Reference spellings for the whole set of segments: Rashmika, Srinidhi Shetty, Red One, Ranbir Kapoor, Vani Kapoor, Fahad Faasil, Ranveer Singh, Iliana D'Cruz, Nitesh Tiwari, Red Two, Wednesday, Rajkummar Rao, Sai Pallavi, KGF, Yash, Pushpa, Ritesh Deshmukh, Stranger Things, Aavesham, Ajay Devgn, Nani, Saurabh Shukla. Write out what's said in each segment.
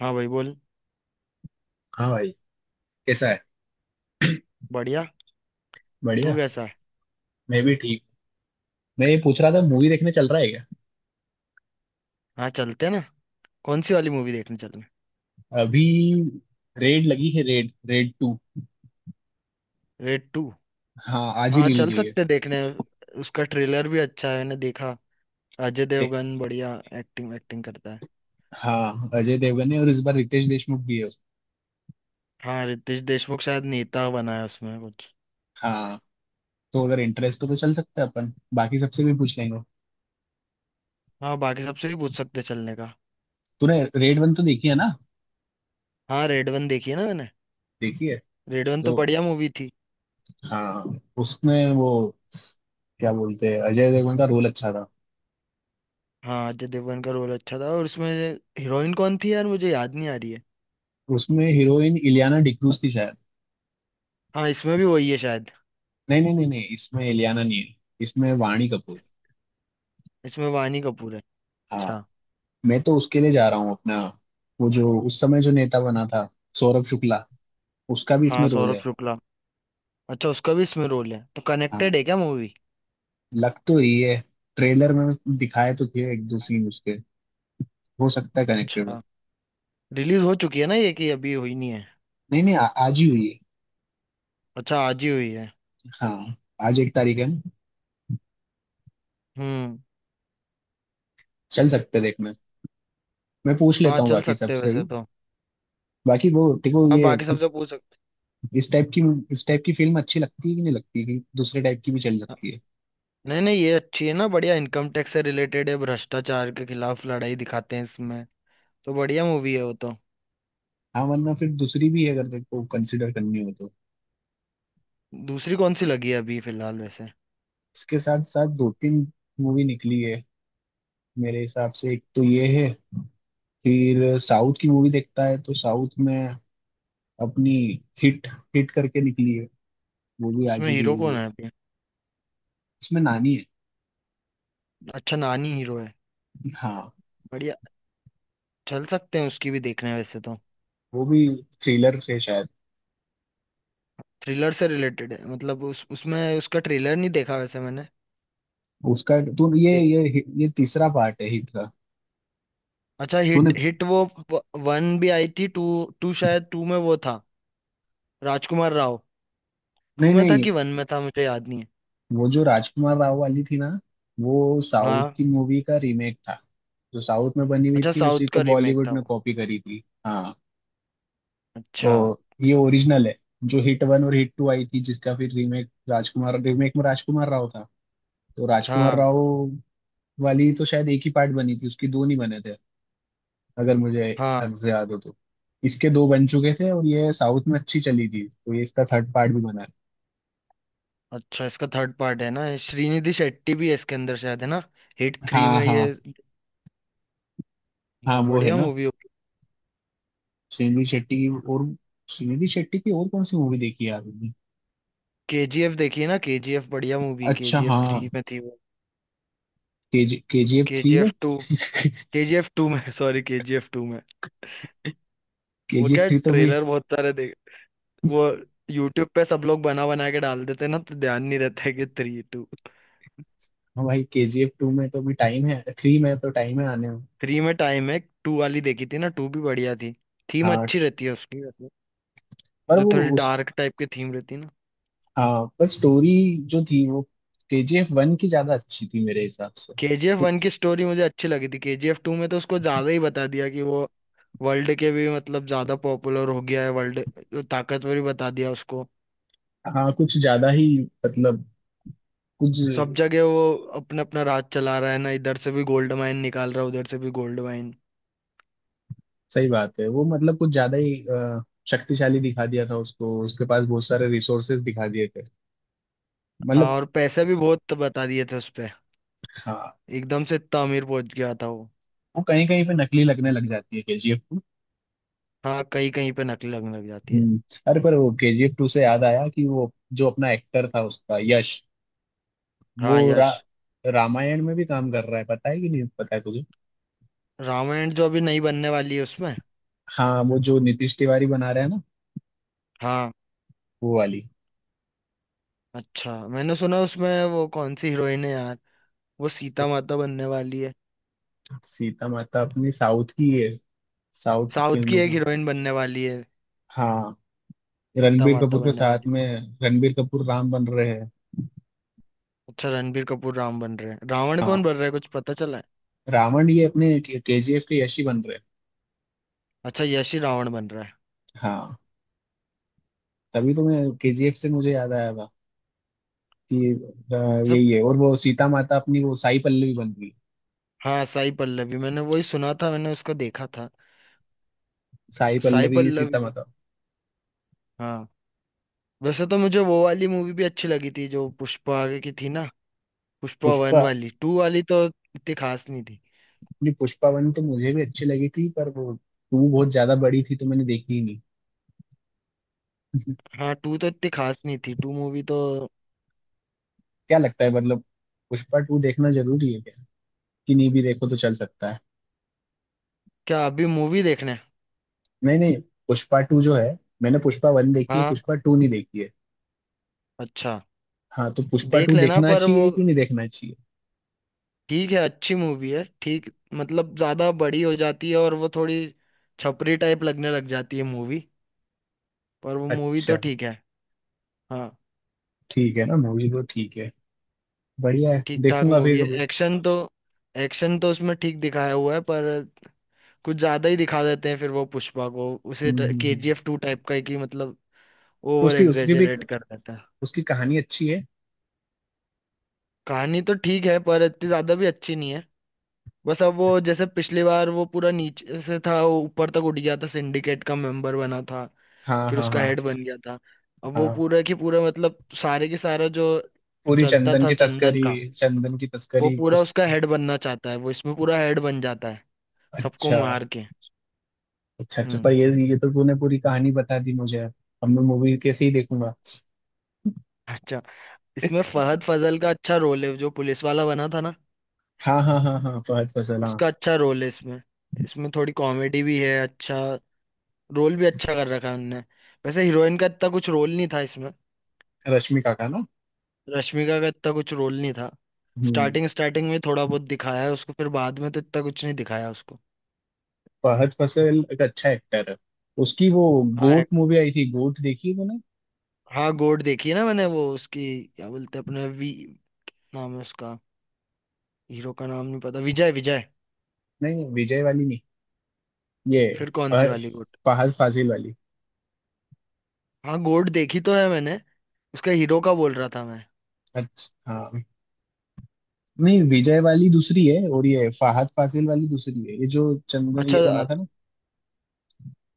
हाँ भाई बोल। हाँ भाई। कैसा है? बढ़िया। तू बढ़िया। कैसा है? मैं भी ठीक। मैं ये पूछ रहा था, मूवी देखने चल रहा है क्या? हाँ चलते हैं ना। कौन सी वाली मूवी देखने चलें? अभी रेड लगी है, Raid Raid two. Raid two? हाँ आज ही हाँ रिलीज चल हुई है। सकते हैं देखने। उसका ट्रेलर भी अच्छा है, मैंने देखा। अजय दे- देवगन बढ़िया एक्टिंग एक्टिंग करता है। हाँ अजय देवगन है और इस बार रितेश देशमुख भी है उसमें। हाँ रितेश देशमुख शायद नेता बना है उसमें कुछ। हाँ। तो अगर इंटरेस्ट हो तो चल सकते हैं अपन, बाकी सबसे भी पूछ लेंगे। हाँ बाकी सबसे भी पूछ सकते हैं चलने का। तूने रेड वन तो देखी है ना? हाँ रेड वन देखी है ना मैंने। देखी है। रेड वन तो तो बढ़िया मूवी थी। हाँ उसमें वो क्या बोलते हैं, अजय देवगन का रोल अच्छा था। हाँ अजय देवगन का रोल अच्छा था, और उसमें हीरोइन कौन थी यार, मुझे याद नहीं आ रही है। उसमें हीरोइन इलियाना डिक्रूज थी शायद। हाँ इसमें भी वही है शायद। नहीं नहीं नहीं नहीं, इसमें इलियाना नहीं है। इसमें वाणी कपूर। इसमें वानी कपूर है। हाँ। अच्छा। मैं तो उसके लिए जा रहा हूँ अपना। वो जो उस समय जो नेता बना था, सौरभ शुक्ला, उसका भी हाँ इसमें रोल सौरभ है। शुक्ला। अच्छा उसका भी इसमें रोल है तो हाँ कनेक्टेड है क्या मूवी? लग तो रही है ट्रेलर में। दिखाए तो थे एक दो सीन उसके। हो सकता है कनेक्टेड हो। अच्छा रिलीज हो चुकी है ना ये, कि अभी हुई नहीं है? नहीं नहीं आज ही हुई है। अच्छा आज ही हुई है। हाँ आज एक तारीख है ना। हम्म। चल सकते हैं देखने। मैं पूछ हाँ लेता हूँ चल बाकी सकते हैं सबसे वैसे भी। तो। बाकी वो देखो, हाँ ये बाकी सबसे पूछ सकते इस टाइप की इस टाइप की फिल्म अच्छी लगती है कि नहीं लगती, कि दूसरे टाइप की भी चल हैं। सकती है? नहीं नहीं ये अच्छी है ना, बढ़िया, इनकम टैक्स से रिलेटेड है, भ्रष्टाचार के खिलाफ लड़ाई दिखाते हैं इसमें। तो बढ़िया मूवी है वो तो। हाँ वरना फिर दूसरी भी है, अगर देखो कंसिडर करनी हो तो। दूसरी कौन सी लगी है अभी फिलहाल वैसे? इसके साथ साथ दो तीन मूवी निकली है। मेरे हिसाब से एक तो ये है। फिर साउथ की मूवी देखता है तो साउथ में अपनी हिट हिट करके निकली है। वो भी आज उसमें ही हीरो रिलीज कौन हुई। है अभी? उसमें नानी है। अच्छा नानी हीरो है। हाँ बढ़िया। चल सकते हैं उसकी भी देखने वैसे तो। वो भी थ्रिलर से शायद। थ्रिलर से रिलेटेड है मतलब, उस उसमें उसका ट्रेलर नहीं देखा वैसे मैंने। उसका तू ये तीसरा पार्ट है हिट का। अच्छा तूने। हिट हिट वो वन भी आई थी टू? टू शायद, टू में वो था, राजकुमार राव। टू नहीं में था नहीं कि वन में था मुझे याद नहीं है। वो जो राजकुमार राव वाली थी ना, वो साउथ हाँ। की मूवी का रीमेक था। जो साउथ में बनी हुई अच्छा थी, उसी साउथ को का रीमेक बॉलीवुड था ने वो। कॉपी करी थी, हाँ। अच्छा। तो ये ओरिजिनल है। जो हिट वन और हिट टू आई थी, जिसका फिर रीमेक में राजकुमार राव था। तो राजकुमार हाँ राव वाली तो शायद एक ही पार्ट बनी थी उसकी, दो नहीं बने थे, अगर मुझे हाँ। ढंग से याद हो तो। इसके दो बन चुके थे और ये साउथ में अच्छी चली थी, तो ये इसका थर्ड पार्ट भी बना है। अच्छा इसका थर्ड पार्ट है ना ये, श्रीनिधि शेट्टी भी है इसके अंदर शायद, है ना, हिट थ्री हाँ में ये। हाँ। हाँ हाँ वो है बढ़िया ना। मूवी होगी। श्रीनिधि शेट्टी की और श्रीनिधि शेट्टी की और कौन सी मूवी देखी है यार मैंने? केजीएफ देखिए ना, केजीएफ बढ़िया मूवी, अच्छा केजीएफ हाँ। थ्री में थी वो। केजीएफ थ्री में। KGF to. केजीएफ टू में सॉरी केजीएफ टू में। वो केजीएफ क्या थ्री तो भी। ट्रेलर बहुत सारे देख वो, यूट्यूब पे सब लोग बना बना के डाल देते हैं ना, तो ध्यान नहीं रहता है कि थ्री टू। हाँ भाई केजीएफ टू में तो भी टाइम है, थ्री में तो टाइम है आने में। थ्री में टाइम है। टू वाली देखी थी ना, टू भी बढ़िया थी। थीम हाँ अच्छी रहती है उसकी वैसे, पर जो वो थोड़ी उस। डार्क टाइप की थीम रहती है ना। हाँ पर स्टोरी जो थी वो केजीएफ वन की ज्यादा अच्छी थी मेरे हिसाब से। केजीएफ तो वन की स्टोरी मुझे अच्छी लगी थी। केजीएफ टू में तो उसको ज्यादा ही बता दिया कि वो वर्ल्ड के भी मतलब ज्यादा पॉपुलर हो गया है, वर्ल्ड ताकतवर ही बता दिया उसको। हाँ कुछ ज्यादा ही, मतलब कुछ। सब जगह वो अपना अपना राज चला रहा है ना, इधर से भी गोल्ड माइन निकाल रहा है, उधर से भी गोल्ड माइन। सही बात है, वो मतलब कुछ ज्यादा ही शक्तिशाली दिखा दिया था उसको, उसके पास बहुत सारे रिसोर्सेज दिखा दिए थे। हाँ मतलब। और पैसे भी बहुत बता दिए थे उस, हाँ। एकदम से इतना अमीर पहुंच गया था वो। वो कहीं कहीं पे नकली लगने लग जाती है केजीएफ टू। हाँ कहीं कहीं पे नकली लगने लग जाती है। हम्म। अरे पर वो केजीएफ टू से याद आया कि वो जो अपना एक्टर था उसका यश, वो हाँ रा, यश। रामायण में भी काम कर रहा है, पता है कि नहीं पता है तुझे? रामायण जो अभी नई बनने वाली है उसमें। हाँ वो जो नीतीश तिवारी बना रहा है ना, हाँ। वो वाली। अच्छा मैंने सुना, उसमें वो कौन सी हीरोइन है यार, वो सीता माता बनने वाली है। सीता माता अपनी साउथ की है, साउथ साउथ की फिल्म एक की। हीरोइन बनने वाली है, हाँ सीता रणबीर माता कपूर के बनने वाली साथ है। में, रणबीर कपूर राम बन रहे हैं। अच्छा रणबीर कपूर राम बन रहे हैं, रावण हाँ कौन बन रहा है कुछ पता चला है? रावण ये अपने केजीएफ के यश ही बन रहे अच्छा यश ही रावण बन रहा है। हैं। हाँ तभी तो मैं केजीएफ से मुझे याद आया था कि अ, सब। यही है। और वो सीता माता अपनी वो साई पल्लवी बन रही है। हाँ साई पल्लवी, मैंने वही सुना था, मैंने उसको देखा था। साई साई पल्लवी पल्लवी सीता का। माता। हाँ। वैसे तो मुझे वो वाली मूवी भी अच्छी लगी थी जो पुष्पा आगे की थी ना, पुष्पा वन पुष्पा। वाली, टू वाली तो इतनी खास नहीं थी। अपनी पुष्पा वन तो मुझे भी अच्छी लगी थी पर वो टू बहुत ज्यादा बड़ी थी तो मैंने देखी ही नहीं। हाँ टू तो इतनी खास नहीं थी, टू मूवी तो। क्या लगता है, मतलब पुष्पा टू देखना जरूरी है क्या, कि नहीं भी देखो तो चल सकता है? क्या अभी मूवी देखने? नहीं नहीं पुष्पा टू जो है, मैंने पुष्पा वन देखी है, हाँ। पुष्पा टू नहीं देखी है। अच्छा। हाँ तो पुष्पा देख टू लेना, देखना पर वो चाहिए कि नहीं देखना चाहिए? ठीक है, अच्छी मूवी है, ठीक, मतलब ज्यादा बड़ी हो जाती है और वो थोड़ी छपरी टाइप लगने लग जाती है मूवी, पर वो मूवी तो अच्छा। ठीक है। हाँ। ठीक है ना, मूवी तो ठीक है। बढ़िया है, ठीक ठाक देखूंगा फिर मूवी है, कभी। एक्शन तो, उसमें ठीक दिखाया हुआ है, पर कुछ ज्यादा ही दिखा देते हैं फिर वो पुष्पा को उसे। हम्म हम्म, हम्म। केजीएफ टू टाइप का है कि मतलब तो ओवर उसकी उसकी भी एग्जेजरेट कर देते हैं। उसकी कहानी अच्छी है। कहानी तो ठीक है पर इतनी ज्यादा भी अच्छी नहीं है। बस अब वो, जैसे पिछली बार वो पूरा नीचे से था, वो ऊपर तक उठ गया था, सिंडिकेट का मेंबर बना था, हाँ फिर हाँ उसका हाँ हेड बन गया था। अब वो हाँ। पूरा की पूरा मतलब सारे के सारा जो पूरी चलता चंदन था की चंदन तस्करी। का, चंदन की वो तस्करी पूरा उस। उसका हेड बनना चाहता है, वो इसमें पूरा हेड बन जाता है सबको अच्छा। मार के। अच्छा अच्छा हम्म। पर ये तो तूने पूरी कहानी बता दी मुझे, अब मैं मूवी कैसे ही देखूंगा? अच्छा। इसमें फहद फजल का अच्छा रोल है, जो पुलिस वाला बना था ना, हाँ हाँ हाँ हाँ फहद फैसल हाँ। उसका अच्छा रोल है इसमें। इसमें थोड़ी कॉमेडी भी है, अच्छा रोल भी अच्छा कर रखा है उनने। वैसे हीरोइन का इतना कुछ रोल नहीं था इसमें। रश्मिका का ना। रश्मिका का इतना कुछ रोल नहीं था। हम्म। स्टार्टिंग स्टार्टिंग में थोड़ा बहुत दिखाया है उसको, फिर बाद में तो इतना कुछ नहीं दिखाया उसको। फहद फैसल एक अच्छा एक्टर है। उसकी वो हाँ गोट एक-। मूवी आई थी। गोट देखी तूने? हाँ गोड देखी है ना मैंने, वो उसकी क्या बोलते हैं अपने वी नाम है उसका, हीरो का नाम नहीं पता, विजय विजय। नहीं नहीं विजय वाली नहीं। ये फिर कौन सी फह- वाली गोड? फहद फासिल वाली। हाँ गोड देखी तो है मैंने, उसका हीरो का बोल रहा था मैं। अच्छा हाँ। नहीं विजय वाली दूसरी है और ये फहद फासिल वाली दूसरी है, ये जो चंदन अच्छा ये बना अ-। था ना।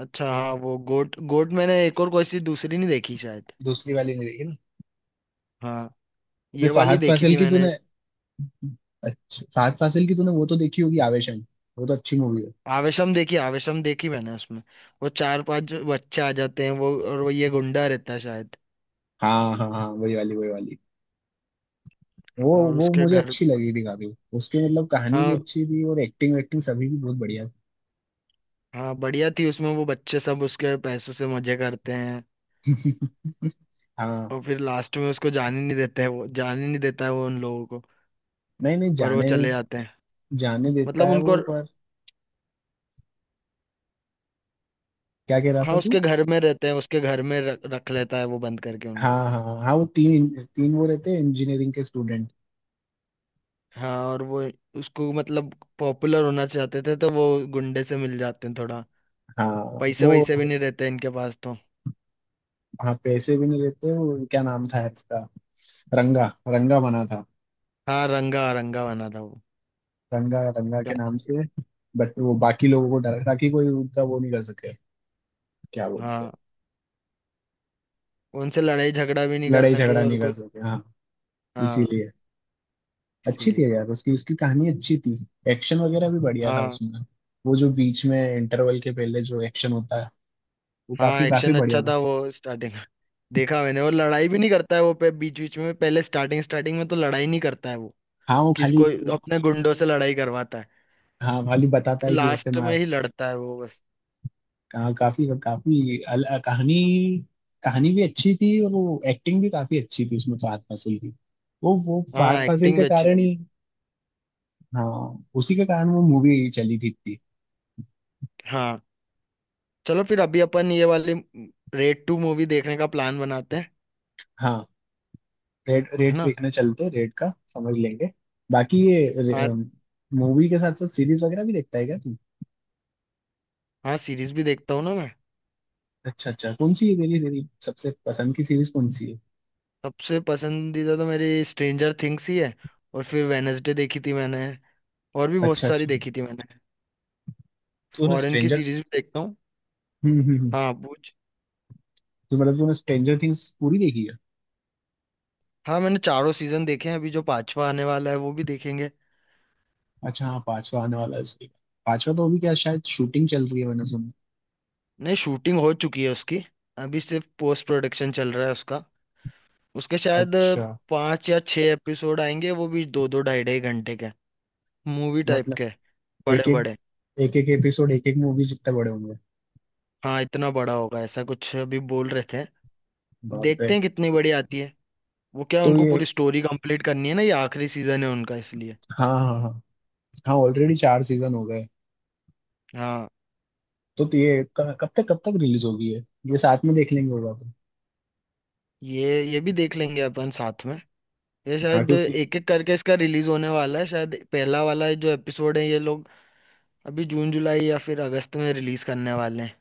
अच्छा हाँ वो गोट गोट, मैंने एक और कोई सी दूसरी नहीं देखी शायद। दूसरी वाली नहीं देखी ना? हाँ ये ये वाली फहद देखी फासिल थी की मैंने। तूने। अच्छा फहद फासिल की तूने वो तो देखी होगी आवेशन। वो तो अच्छी मूवी है। आवेशम देखी, आवेशम देखी मैंने, उसमें वो चार पांच जो बच्चे आ जाते हैं वो, और वो ये गुंडा रहता है शायद, हाँ हाँ हाँ वही वाली वही वाली। वो और वो उसके मुझे घर। अच्छी लगी थी काफी। उसकी मतलब कहानी भी हाँ। अच्छी थी और एक्टिंग वेक्टिंग सभी भी बहुत बढ़िया हाँ बढ़िया थी, उसमें वो बच्चे सब उसके पैसों से मजे करते हैं, थी। हाँ। और फिर लास्ट में उसको जाने नहीं देते हैं, वो जाने नहीं देता है वो उन लोगों को। नहीं नहीं पर वो जाने चले जाते हैं, जाने देता मतलब है उनको। वो, पर क्या कह रहा हाँ था तू? उसके घर में रहते हैं, उसके घर में रख लेता है वो बंद करके हाँ उनको। हाँ हाँ हाँ, वो तीन। तीन वो रहते हैं इंजीनियरिंग के स्टूडेंट। हाँ और वो उसको, मतलब पॉपुलर होना चाहते थे, तो वो गुंडे से मिल जाते हैं थोड़ा, हाँ पैसे वो। वैसे भी नहीं रहते इनके पास तो। हाँ पैसे भी नहीं रहते, वो क्या नाम था इसका? रंगा रंगा बना था। हाँ रंगा रंगा बना था वो। रंगा रंगा के नाम याद-। से। बट वो बाकी लोगों को डरा ताकि कोई उनका वो नहीं कर सके। क्या बोलते हाँ हैं। उनसे लड़ाई झगड़ा भी नहीं कर लड़ाई सके झगड़ा और नहीं कर कोई। सके, हाँ। हाँ इसीलिए। अच्छी थी इसीलिए। यार, उसकी उसकी कहानी अच्छी थी। एक्शन वगैरह भी बढ़िया था हाँ। उसमें। वो जो बीच में इंटरवल के पहले जो एक्शन होता है, वो हाँ काफी काफी एक्शन अच्छा बढ़िया था। था वो स्टार्टिंग देखा मैंने, और लड़ाई भी नहीं करता है वो पे बीच बीच में पहले, स्टार्टिंग स्टार्टिंग में तो लड़ाई नहीं करता है वो, हाँ वो किसी खाली। कोई अपने गुंडों से लड़ाई करवाता है, हाँ खाली बताता फिर है कि ऐसे लास्ट में मार। ही लड़ता है वो बस। कहाँ काफी काफी कहानी। कहानी भी अच्छी थी और वो एक्टिंग भी काफी अच्छी थी उसमें फहद फासिल की। वो फहद हाँ फासिल एक्टिंग के भी अच्छी कारण लगी। ही। हाँ उसी के कारण वो मूवी चली थी इतनी। हाँ चलो फिर, अभी अपन ये वाली रेड टू मूवी देखने का प्लान बनाते हैं, हाँ। रेट है रेट ना। देखने चलते, रेट का समझ लेंगे। बाकी ये और। मूवी के साथ साथ सीरीज वगैरह भी देखता है क्या तू? हाँ सीरीज भी देखता हूँ ना मैं। अच्छा अच्छा, कौन सी है तेरी तेरी सबसे पसंद की सीरीज कौन सी है? सबसे पसंदीदा तो मेरी स्ट्रेंजर थिंग्स ही है, और फिर वेनसडे देखी थी मैंने, और भी बहुत अच्छा सारी अच्छा, देखी थी मैंने। तूने फॉरेन की स्ट्रेंजर। सीरीज भी देखता हूँ। हम्म हम्म हम्म। हाँ पूछ। तो मतलब तूने स्ट्रेंजर थिंग्स पूरी देखी है? हाँ मैंने चारों सीजन देखे हैं, अभी जो पांचवा आने वाला है वो भी देखेंगे। अच्छा हाँ पांचवा आने वाला है उसके। पांचवा तो अभी क्या शायद शूटिंग चल रही है, मैंने सुना। नहीं शूटिंग हो चुकी है उसकी, अभी सिर्फ पोस्ट प्रोडक्शन चल रहा है उसका। उसके शायद अच्छा। 5 या 6 एपिसोड आएंगे, वो भी 2-2 ढाई-ढाई घंटे के, मूवी टाइप मतलब के, एक बड़े एक। बड़े। एक एक एपिसोड एक एक मूवी जितने बड़े होंगे। हाँ इतना बड़ा होगा ऐसा कुछ अभी बोल रहे थे। बाप रे। देखते हैं कितनी बड़ी आती है। वो क्या है, तो उनको ये। पूरी स्टोरी कंप्लीट करनी है ना, ये आखिरी सीजन है उनका इसलिए। हाँ हाँ हाँ हाँ ऑलरेडी चार सीजन हो गए। हाँ तो ये कब तक रिलीज होगी है? ये साथ में देख लेंगे होगा तो। ये भी देख लेंगे अपन साथ में। ये हाँ शायद क्योंकि। एक एक करके इसका रिलीज होने वाला है, शायद पहला वाला जो एपिसोड है ये लोग अभी जून जुलाई या फिर अगस्त में रिलीज करने वाले हैं।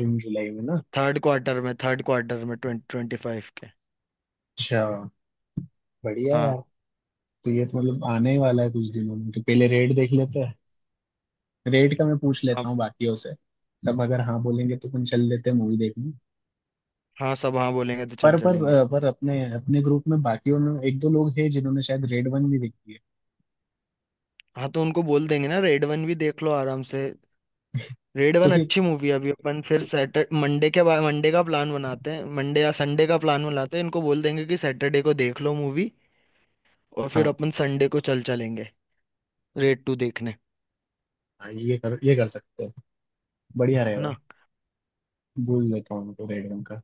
जून जुलाई में ना। थर्ड क्वार्टर में 2025 के। अच्छा बढ़िया है हाँ। यार। तो ये तो मतलब आने ही वाला है कुछ दिनों में, तो पहले रेट देख लेते हैं। रेट का मैं पूछ हाँ। लेता हूँ बाकियों से। सब अगर हाँ बोलेंगे तो अपन चल लेते हैं मूवी देखने। हाँ सब हाँ बोलेंगे तो चल चलेंगे। पर अपने अपने ग्रुप में बाकियों में एक दो लोग हैं जिन्होंने शायद रेड वन भी देखी है। हाँ तो उनको बोल देंगे ना, रेड वन भी देख लो आराम से, रेड तो वन फिर। अच्छी मूवी है, अभी अपन फिर सैटरडे मंडे के बाद मंडे का प्लान बनाते हैं, मंडे या संडे का प्लान बनाते हैं, इनको बोल देंगे कि सैटरडे को देख लो मूवी, और फिर हाँ अपन संडे को चल चलेंगे रेड टू देखने, हाँ ये कर सकते हैं। बढ़िया है ना। रहेगा। भूल लेता हूँ उनको रेड वन का।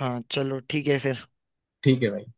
हाँ चलो ठीक है फिर। ठीक है भाई।